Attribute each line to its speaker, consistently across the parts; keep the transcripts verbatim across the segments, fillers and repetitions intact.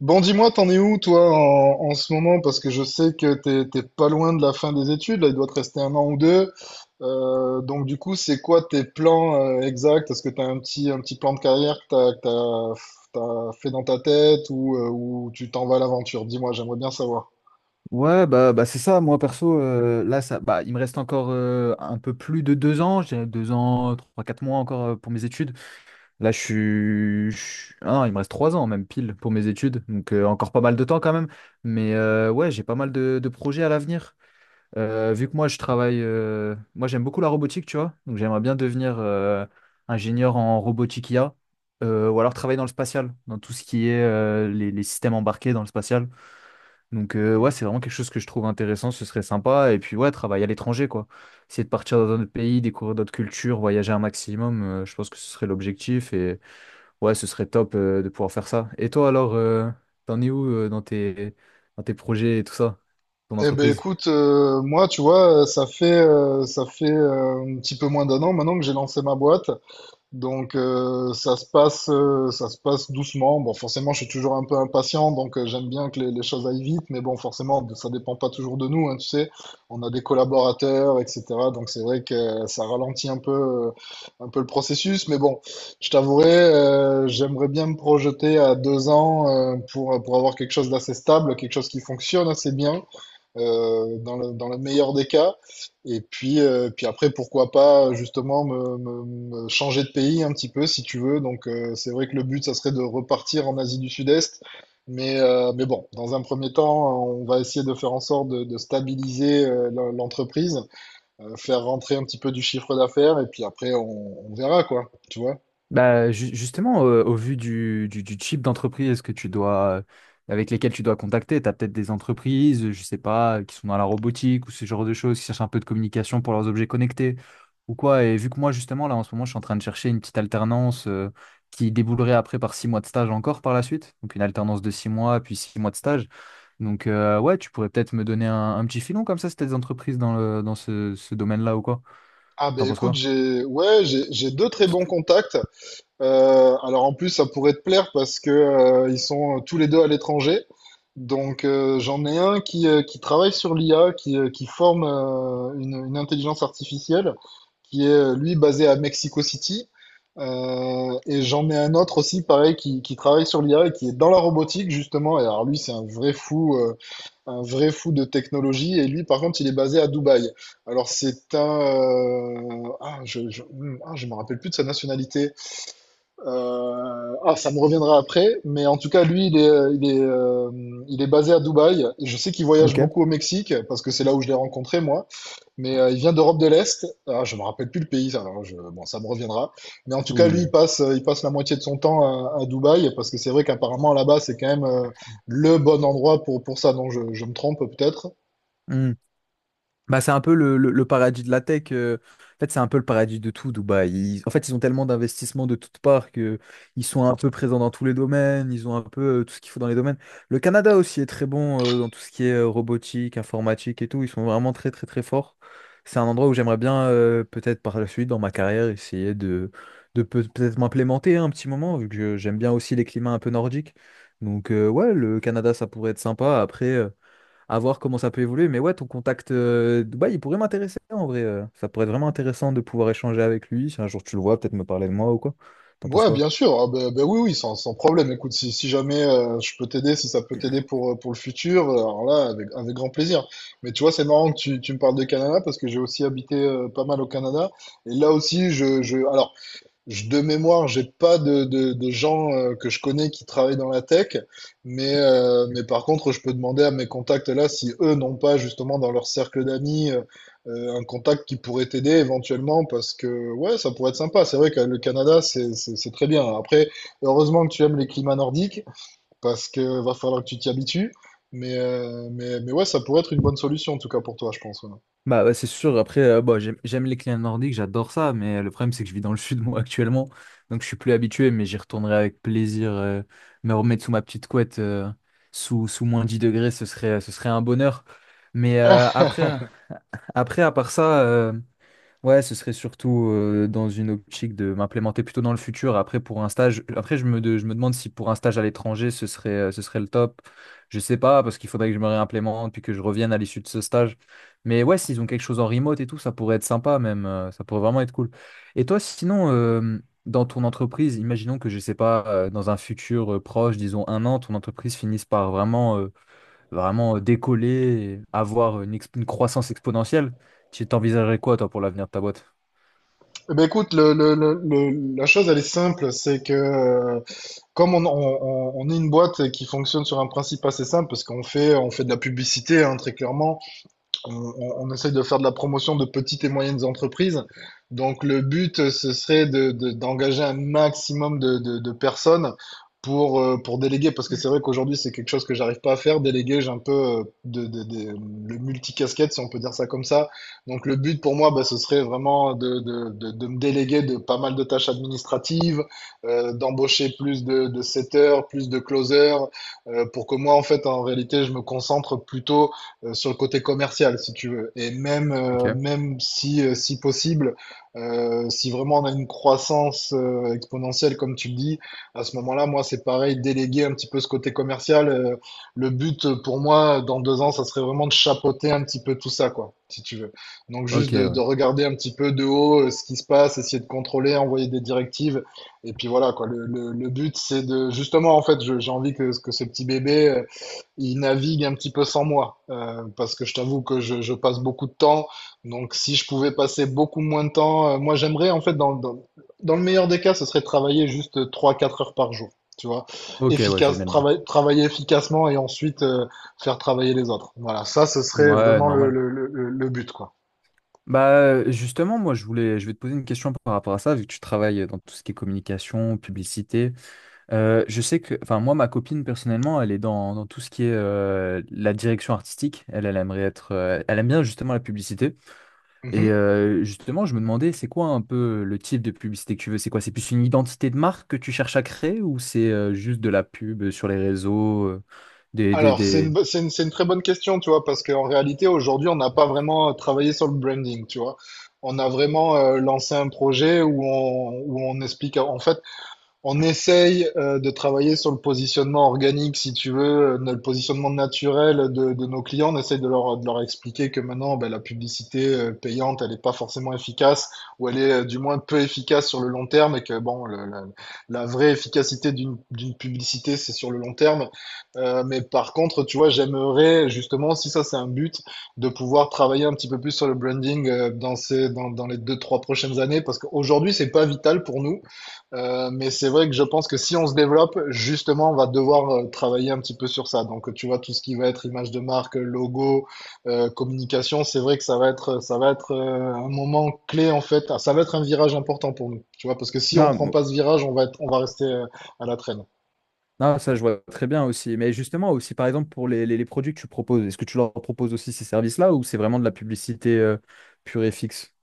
Speaker 1: Bon, dis-moi, t'en es où, toi, en, en ce moment? Parce que je sais que t'es t'es pas loin de la fin des études, là, il doit te rester un an ou deux. Euh, donc, du coup, c'est quoi tes plans euh, exacts? Est-ce que t'as un petit, un petit plan de carrière que t'as, que t'as, t'as fait dans ta tête ou, euh, ou tu t'en vas à l'aventure? Dis-moi, j'aimerais bien savoir.
Speaker 2: Ouais, bah, bah c'est ça, moi perso, euh, là, ça, bah, il me reste encore euh, un peu plus de deux ans, j'ai deux ans, trois, quatre mois encore euh, pour mes études. Là, je suis... je suis- ah non, il me reste trois ans même pile pour mes études, donc euh, encore pas mal de temps quand même. Mais euh, ouais, j'ai pas mal de, de projets à l'avenir. Euh, vu que moi, je travaille... euh, Moi, j'aime beaucoup la robotique, tu vois, donc j'aimerais bien devenir euh, ingénieur en robotique I A, euh, ou alors travailler dans le spatial, dans tout ce qui est euh, les les systèmes embarqués dans le spatial. Donc euh, ouais, c'est vraiment quelque chose que je trouve intéressant, ce serait sympa. Et puis ouais, travailler à l'étranger, quoi. Essayer de partir dans d'autres pays, découvrir d'autres cultures, voyager un maximum, euh, je pense que ce serait l'objectif. Et ouais, ce serait top euh, de pouvoir faire ça. Et toi alors, euh, t'en es où euh, dans tes, dans tes projets et tout ça, ton
Speaker 1: Eh ben
Speaker 2: entreprise?
Speaker 1: écoute, euh, moi tu vois, euh, ça fait euh, ça fait euh, un petit peu moins d'un an maintenant que j'ai lancé ma boîte. Donc euh, ça se passe, euh, ça se passe doucement. Bon, forcément, je suis toujours un peu impatient, donc euh, j'aime bien que les, les choses aillent vite, mais bon, forcément, ça dépend pas toujours de nous, hein, tu sais. On a des collaborateurs, et cétéra. Donc c'est vrai que euh, ça ralentit un peu, euh, un peu le processus, mais bon, je t'avouerai, euh, j'aimerais bien me projeter à deux ans euh, pour pour avoir quelque chose d'assez stable, quelque chose qui fonctionne assez bien euh, dans le, dans le meilleur des cas. Et puis, euh, puis après, pourquoi pas justement me, me- me changer de pays un petit peu si tu veux. Donc, euh, c'est vrai que le but, ça serait de repartir en Asie du Sud-Est. Mais, euh, mais bon, dans un premier temps, on va essayer de faire en sorte de, de stabiliser euh, l'en- l'entreprise, euh, faire rentrer un petit peu du chiffre d'affaires et puis après, on, on verra quoi, tu vois.
Speaker 2: Bah, ju- justement, euh, au vu du, du, du type d'entreprise que tu dois, avec lesquelles tu dois contacter, tu as peut-être des entreprises, je sais pas, qui sont dans la robotique ou ce genre de choses, qui cherchent un peu de communication pour leurs objets connectés ou quoi. Et vu que moi, justement, là, en ce moment, je suis en train de chercher une petite alternance euh, qui déboulerait après par six mois de stage encore par la suite. Donc, une alternance de six mois, puis six mois de stage. Donc, euh, ouais, tu pourrais peut-être me donner un, un petit filon comme ça, si t'as des entreprises dans le, dans ce, ce domaine-là ou quoi.
Speaker 1: Ah ben
Speaker 2: T'en penses
Speaker 1: écoute,
Speaker 2: quoi?
Speaker 1: j'ai ouais, j'ai j'ai deux très bons contacts. Euh, alors en plus, ça pourrait te plaire parce que euh, ils sont euh, tous les deux à l'étranger. Donc euh, j'en ai un qui, euh, qui travaille sur l'I A, qui, euh, qui forme euh, une, une intelligence artificielle, qui est euh, lui basé à Mexico City. Euh, et j'en ai un autre aussi, pareil, qui, qui travaille sur l'I A et qui est dans la robotique justement. Et alors lui, c'est un vrai fou, euh, un vrai fou de technologie. Et lui, par contre, il est basé à Dubaï. Alors c'est un, euh, ah, je, je, hum, ah, je me rappelle plus de sa nationalité. Euh, ah, ça me reviendra après, mais en tout cas, lui, il est, euh, il est, euh, il est basé à Dubaï. Et je sais qu'il voyage
Speaker 2: Ok,
Speaker 1: beaucoup au Mexique parce que c'est là où je l'ai rencontré, moi. Mais euh, il vient d'Europe de l'Est. Ah, je me rappelle plus le pays, alors je, bon, ça me reviendra. Mais en tout cas, lui, il
Speaker 2: oui.
Speaker 1: passe, euh, il passe la moitié de son temps à, à Dubaï parce que c'est vrai qu'apparemment là-bas, c'est quand même euh, le bon endroit pour, pour ça. Non, je, je me trompe peut-être.
Speaker 2: Bah, c'est un peu le, le- le paradis de la tech. Euh, en fait, c'est un peu le paradis de tout, Dubaï. Ils- en fait, ils ont tellement d'investissements de toutes parts que ils sont un peu présents dans tous les domaines. Ils ont un peu euh, tout ce qu'il faut dans les domaines. Le Canada aussi est très bon euh, dans tout ce qui est euh, robotique, informatique et tout. Ils sont vraiment très, très, très forts. C'est un endroit où j'aimerais bien, euh, peut-être par la suite, dans ma carrière, essayer de, de peut- peut-être m'implémenter un petit moment, vu que je- j'aime bien aussi les climats un peu nordiques. Donc, euh, ouais, le Canada, ça pourrait être sympa. Après, euh, à voir comment ça peut évoluer. Mais ouais, ton contact euh, Dubaï, il pourrait m'intéresser en vrai. Euh, ça pourrait être vraiment intéressant de pouvoir échanger avec lui. Si un jour tu le vois, peut-être me parler de moi ou quoi. T'en penses
Speaker 1: Ouais,
Speaker 2: quoi?
Speaker 1: bien sûr. Ah, ben, ben oui, oui, sans, sans problème. Écoute, si, si jamais euh, je peux t'aider, si ça peut t'aider pour, euh, pour le futur, euh, alors là, avec, avec grand plaisir. Mais tu vois, c'est marrant que tu, tu me parles de Canada parce que j'ai aussi habité euh, pas mal au Canada. Et là aussi, je, je, alors, je- De mémoire, j'ai pas de, de, de gens euh, que je connais qui travaillent dans la tech, mais, euh, mais par contre, je peux demander à mes contacts là si eux n'ont pas justement dans leur cercle d'amis euh, euh, un contact qui pourrait t'aider éventuellement parce que ouais, ça pourrait être sympa. C'est vrai que le Canada, c'est, c'est, c'est très bien. Après, heureusement que tu aimes les climats nordiques parce que va falloir que tu t'y habitues. Mais, euh, mais, mais ouais, ça pourrait être une bonne solution en tout cas pour toi, je pense. Ouais.
Speaker 2: Bah, ouais, c'est sûr, après, euh, bah, j'aime, j'aime les clients nordiques, j'adore ça, mais euh, le problème c'est que je vis dans le sud moi actuellement, donc je suis plus habitué, mais j'y retournerai avec plaisir, euh, me remettre sous ma petite couette, euh, sous, sous moins dix degrés, ce serait, ce serait un bonheur. Mais euh,
Speaker 1: Ah,
Speaker 2: après, après, à part ça, euh, ouais, ce serait surtout euh, dans une optique de m'implémenter plutôt dans le futur. Après, pour un stage, après je me, de- je me demande si pour un stage à l'étranger, ce serait, euh, ce serait le top. Je sais pas, parce qu'il faudrait que je me réimplémente puis que je revienne à l'issue de ce stage. Mais ouais, s'ils ont quelque chose en remote et tout, ça pourrait être sympa même. Euh, ça pourrait vraiment être cool. Et toi, sinon, euh, dans ton entreprise, imaginons que, je sais pas, euh, dans un futur euh, proche, disons un an, ton entreprise finisse par vraiment euh, vraiment euh, décoller, et avoir une, exp- une croissance exponentielle. Tu t'envisagerais quoi, toi, pour l'avenir de ta boîte?
Speaker 1: eh ben écoute, le, le, le, le- la chose elle est simple, c'est que euh, comme on, on- on- on est une boîte qui fonctionne sur un principe assez simple, parce qu'on fait, on fait de la publicité, hein, très clairement, on, on- on essaie de faire de la promotion de petites et moyennes entreprises. Donc le but, euh, ce serait de, de- d'engager un maximum de, de, de personnes pour, euh, pour déléguer, parce que c'est vrai qu'aujourd'hui, c'est quelque chose que j'arrive pas à faire. Déléguer, j'ai un peu euh, de, de, de- le multicasquette, si on peut dire ça comme ça. Donc le but pour moi, bah, ce serait vraiment de, de, de, de me déléguer de pas mal de tâches administratives, euh, d'embaucher plus de, de setters, plus de closers, euh, pour que moi, en fait, en réalité, je me concentre plutôt euh, sur le côté commercial, si tu veux. Et même, euh,
Speaker 2: Ok.
Speaker 1: même si, euh, si possible, euh, si vraiment on a une croissance euh, exponentielle, comme tu le dis, à ce moment-là, moi, c'est pareil, déléguer un petit peu ce côté commercial. Euh, le but euh, pour moi, dans deux ans, ça serait vraiment de chapeauter un petit peu tout ça, quoi, si tu veux. Donc juste
Speaker 2: Ok,
Speaker 1: de, de
Speaker 2: ouais.
Speaker 1: regarder un petit peu de haut euh, ce qui se passe, essayer de contrôler, envoyer des directives. Et puis voilà, quoi. Le, le, le but, c'est de, justement, en fait, je- j'ai envie que, que ce petit bébé euh, il navigue un petit peu sans moi, euh, parce que je t'avoue que je, je passe beaucoup de temps. Donc, si je pouvais passer beaucoup moins de temps, euh, moi j'aimerais en fait, dans, dans, dans le meilleur des cas, ce serait de travailler juste trois quatre heures par jour, tu vois,
Speaker 2: Ok, ouais, je vois
Speaker 1: efficace,
Speaker 2: bien l'idée.
Speaker 1: trava- travailler efficacement et ensuite euh, faire travailler les autres. Voilà, ça, ce serait
Speaker 2: Ouais,
Speaker 1: vraiment le,
Speaker 2: normal.
Speaker 1: le, le, le le but, quoi.
Speaker 2: Bah, euh, justement, moi, je voulais, je vais te poser une question par rapport à ça, vu que tu travailles dans tout ce qui est communication, publicité. Euh, je sais que, enfin, moi, ma copine, personnellement, elle est dans, dans tout ce qui est euh, la direction artistique. Elle, elle aimerait être, euh, elle aime bien justement la publicité. Et
Speaker 1: Mhm.
Speaker 2: euh, justement, je me demandais, c'est quoi un peu le type de publicité que tu veux? C'est quoi? C'est plus une identité de marque que tu cherches à créer ou c'est euh, juste de la pub sur les réseaux, euh, des, des,
Speaker 1: Alors, c'est une,
Speaker 2: des...
Speaker 1: bo- c'est une, c'est une très bonne question, tu vois, parce qu'en réalité, aujourd'hui, on n'a pas vraiment euh, travaillé sur le branding, tu vois. On a vraiment euh, lancé un projet où on, où on explique, en fait, on essaye euh, de travailler sur le positionnement organique, si tu veux, euh, le positionnement naturel de, de nos clients. On essaye de leur, de leur expliquer que maintenant, ben, la publicité euh, payante, elle n'est pas forcément efficace, ou elle est euh, du moins peu efficace sur le long terme, et que bon, le- la, la vraie efficacité d'une d'une publicité, c'est sur le long terme. Euh, mais par contre, tu vois, j'aimerais justement, si ça c'est un but, de pouvoir travailler un petit peu plus sur le branding euh, dans ces, dans, dans les deux, trois prochaines années, parce qu'aujourd'hui, c'est pas vital pour nous. Euh, mais c'est vrai que je pense que si on se développe, justement, on va devoir euh, travailler un petit peu sur ça. Donc, tu vois, tout ce qui va être image de marque, logo, euh, communication, c'est vrai que ça va être, ça va être euh, un moment clé, en fait. Ah, ça va être un virage important pour nous, tu vois, parce que si on
Speaker 2: Non,
Speaker 1: prend
Speaker 2: mo-
Speaker 1: pas ce virage, on va être, on va rester euh, à la traîne.
Speaker 2: non, ça je vois très bien aussi. Mais justement, aussi par exemple pour les, les, les produits que tu proposes, est-ce que tu leur proposes aussi ces services-là ou c'est vraiment de la publicité euh, pure et fixe?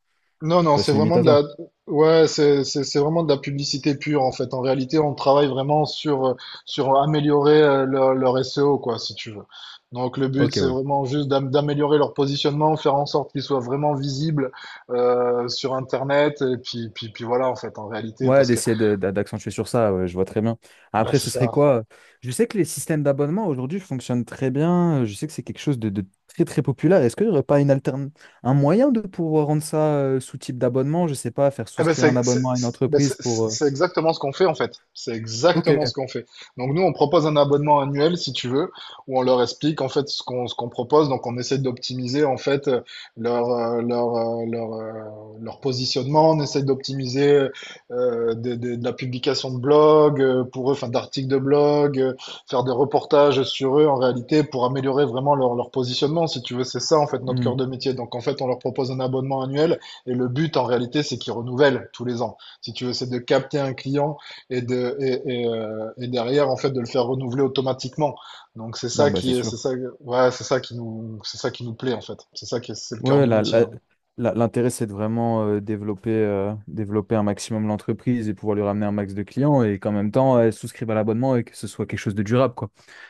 Speaker 1: Non, non,
Speaker 2: Ça se
Speaker 1: c'est
Speaker 2: limite
Speaker 1: vraiment
Speaker 2: à
Speaker 1: de la,
Speaker 2: ça?
Speaker 1: ouais, c'est, c'est, c'est vraiment de la publicité pure, en fait. En réalité, on travaille vraiment sur, euh, sur améliorer euh, leur, leur S E O, quoi, si tu veux. Donc, le but,
Speaker 2: Ok,
Speaker 1: c'est
Speaker 2: ouais.
Speaker 1: vraiment juste d'am- d'améliorer leur positionnement, faire en sorte qu'ils soient vraiment visibles, euh, sur Internet, et puis, puis, puis voilà, en fait, en réalité,
Speaker 2: Ouais,
Speaker 1: parce que,
Speaker 2: d'essayer de- d'a- d'accentuer sur ça, ouais, je vois très bien.
Speaker 1: bah,
Speaker 2: Après,
Speaker 1: c'est
Speaker 2: ce serait
Speaker 1: ça.
Speaker 2: quoi? Je sais que les systèmes d'abonnement aujourd'hui fonctionnent très bien. Je sais que c'est quelque chose de, de très très populaire. Est-ce qu'il n'y aurait pas une alterne... Un moyen de pouvoir rendre ça euh, sous type d'abonnement? Je sais pas, faire
Speaker 1: Eh ben,
Speaker 2: souscrire un
Speaker 1: c'est c'est-
Speaker 2: abonnement à une
Speaker 1: c'est- ben, c'est-
Speaker 2: entreprise pour. Euh,
Speaker 1: c'est exactement ce qu'on fait en fait. C'est exactement ce
Speaker 2: ok.
Speaker 1: qu'on fait. Donc nous, on propose un abonnement annuel, si tu veux, où on leur explique en fait ce qu'on ce qu'on propose. Donc on essaie d'optimiser en fait euh, leur euh, leur euh, leur, euh, leur positionnement. On essaie d'optimiser euh, des- des- de la publication de blog euh, pour eux, enfin d'articles de blog, euh, faire des reportages sur eux en réalité pour améliorer vraiment leur leur positionnement, si tu veux. C'est ça en fait notre
Speaker 2: Hmm.
Speaker 1: cœur de métier. Donc en fait, on leur propose un abonnement annuel et le but, en réalité, c'est qu'ils renouvellent tous les ans. Si tu veux, c'est de capter un client et de, et, et, euh, et derrière, en fait, de le faire renouveler automatiquement. Donc, c'est
Speaker 2: Non,
Speaker 1: ça
Speaker 2: bah
Speaker 1: qui,
Speaker 2: c'est
Speaker 1: est-
Speaker 2: sûr.
Speaker 1: c'est ça, ouais, c'est ça qui nous, c'est ça qui nous plaît, en fait. C'est ça qui est, c'est le cœur
Speaker 2: Ouais,
Speaker 1: de
Speaker 2: la-
Speaker 1: métier,
Speaker 2: la-
Speaker 1: hein.
Speaker 2: la- l'intérêt, c'est de vraiment euh, développer, euh, développer un maximum l'entreprise et pouvoir lui ramener un max de clients et qu'en même temps, elle souscrive à l'abonnement et que ce soit quelque chose de durable, quoi.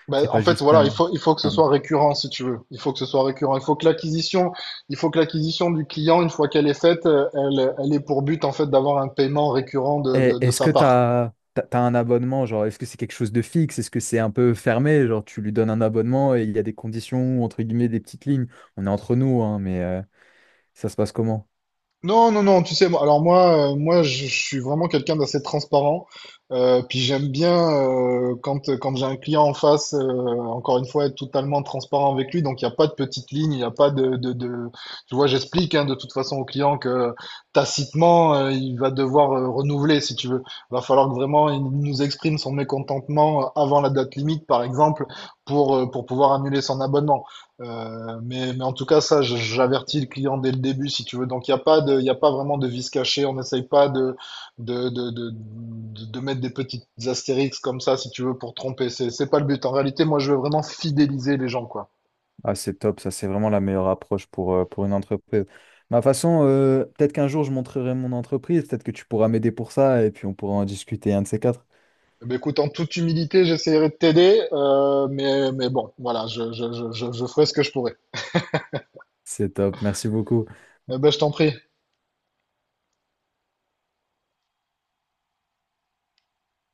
Speaker 1: Ben,
Speaker 2: C'est
Speaker 1: en
Speaker 2: pas
Speaker 1: fait,
Speaker 2: juste
Speaker 1: voilà,
Speaker 2: un.
Speaker 1: il faut, il faut que ce
Speaker 2: Un-
Speaker 1: soit récurrent, si tu veux. Il faut que ce soit récurrent. Il faut que l'acquisition, il faut que l'acquisition du client, une fois qu'elle est faite, euh, elle, elle est pour but, en fait, d'avoir un paiement récurrent de,
Speaker 2: Et-
Speaker 1: de, de
Speaker 2: est-ce
Speaker 1: sa
Speaker 2: que
Speaker 1: part.
Speaker 2: t'as, t'as, t'as un abonnement, genre, est-ce que c'est quelque chose de fixe? Est-ce que c'est un peu fermé? Genre, tu lui donnes un abonnement et il y a des conditions, entre guillemets, des petites lignes. On est entre nous, hein, mais euh, ça se passe comment?
Speaker 1: Non, non, non, tu sais, moi- alors moi, euh, moi, je, je suis vraiment quelqu'un d'assez transparent. Euh, puis j'aime bien euh, quand, quand j'ai un client en face, euh, encore une fois, être totalement transparent avec lui. Donc il n'y a pas de petite ligne, il n'y a pas de, de, de... Tu vois, j'explique hein, de toute façon au client que tacitement, euh, il va devoir euh, renouveler, si tu veux. Va falloir que vraiment il nous exprime son mécontentement avant la date limite, par exemple, pour, euh, pour pouvoir annuler son abonnement. Euh, mais, mais en tout cas, ça, je- j'avertis le client dès le début, si tu veux. Donc, il n'y a pas de, il y a pas vraiment de vis caché. On n'essaye pas de, de, de, de, de- de mettre des petites astérix comme ça, si tu veux, pour tromper. C'est, c'est pas le but. En réalité, moi, je veux vraiment fidéliser les gens, quoi.
Speaker 2: Ah, c'est top, ça, c'est vraiment la meilleure approche pour, euh, pour une entreprise. Ma façon, euh, peut-être qu'un jour, je montrerai mon entreprise, peut-être que tu pourras m'aider pour ça et puis on pourra en discuter un de ces quatre.
Speaker 1: Mais écoute, en toute humilité, j'essaierai de t'aider, euh, mais, mais bon, voilà, je, je, je, je, je ferai ce que je pourrai.
Speaker 2: C'est top, merci beaucoup.
Speaker 1: Eh ben, je t'en prie.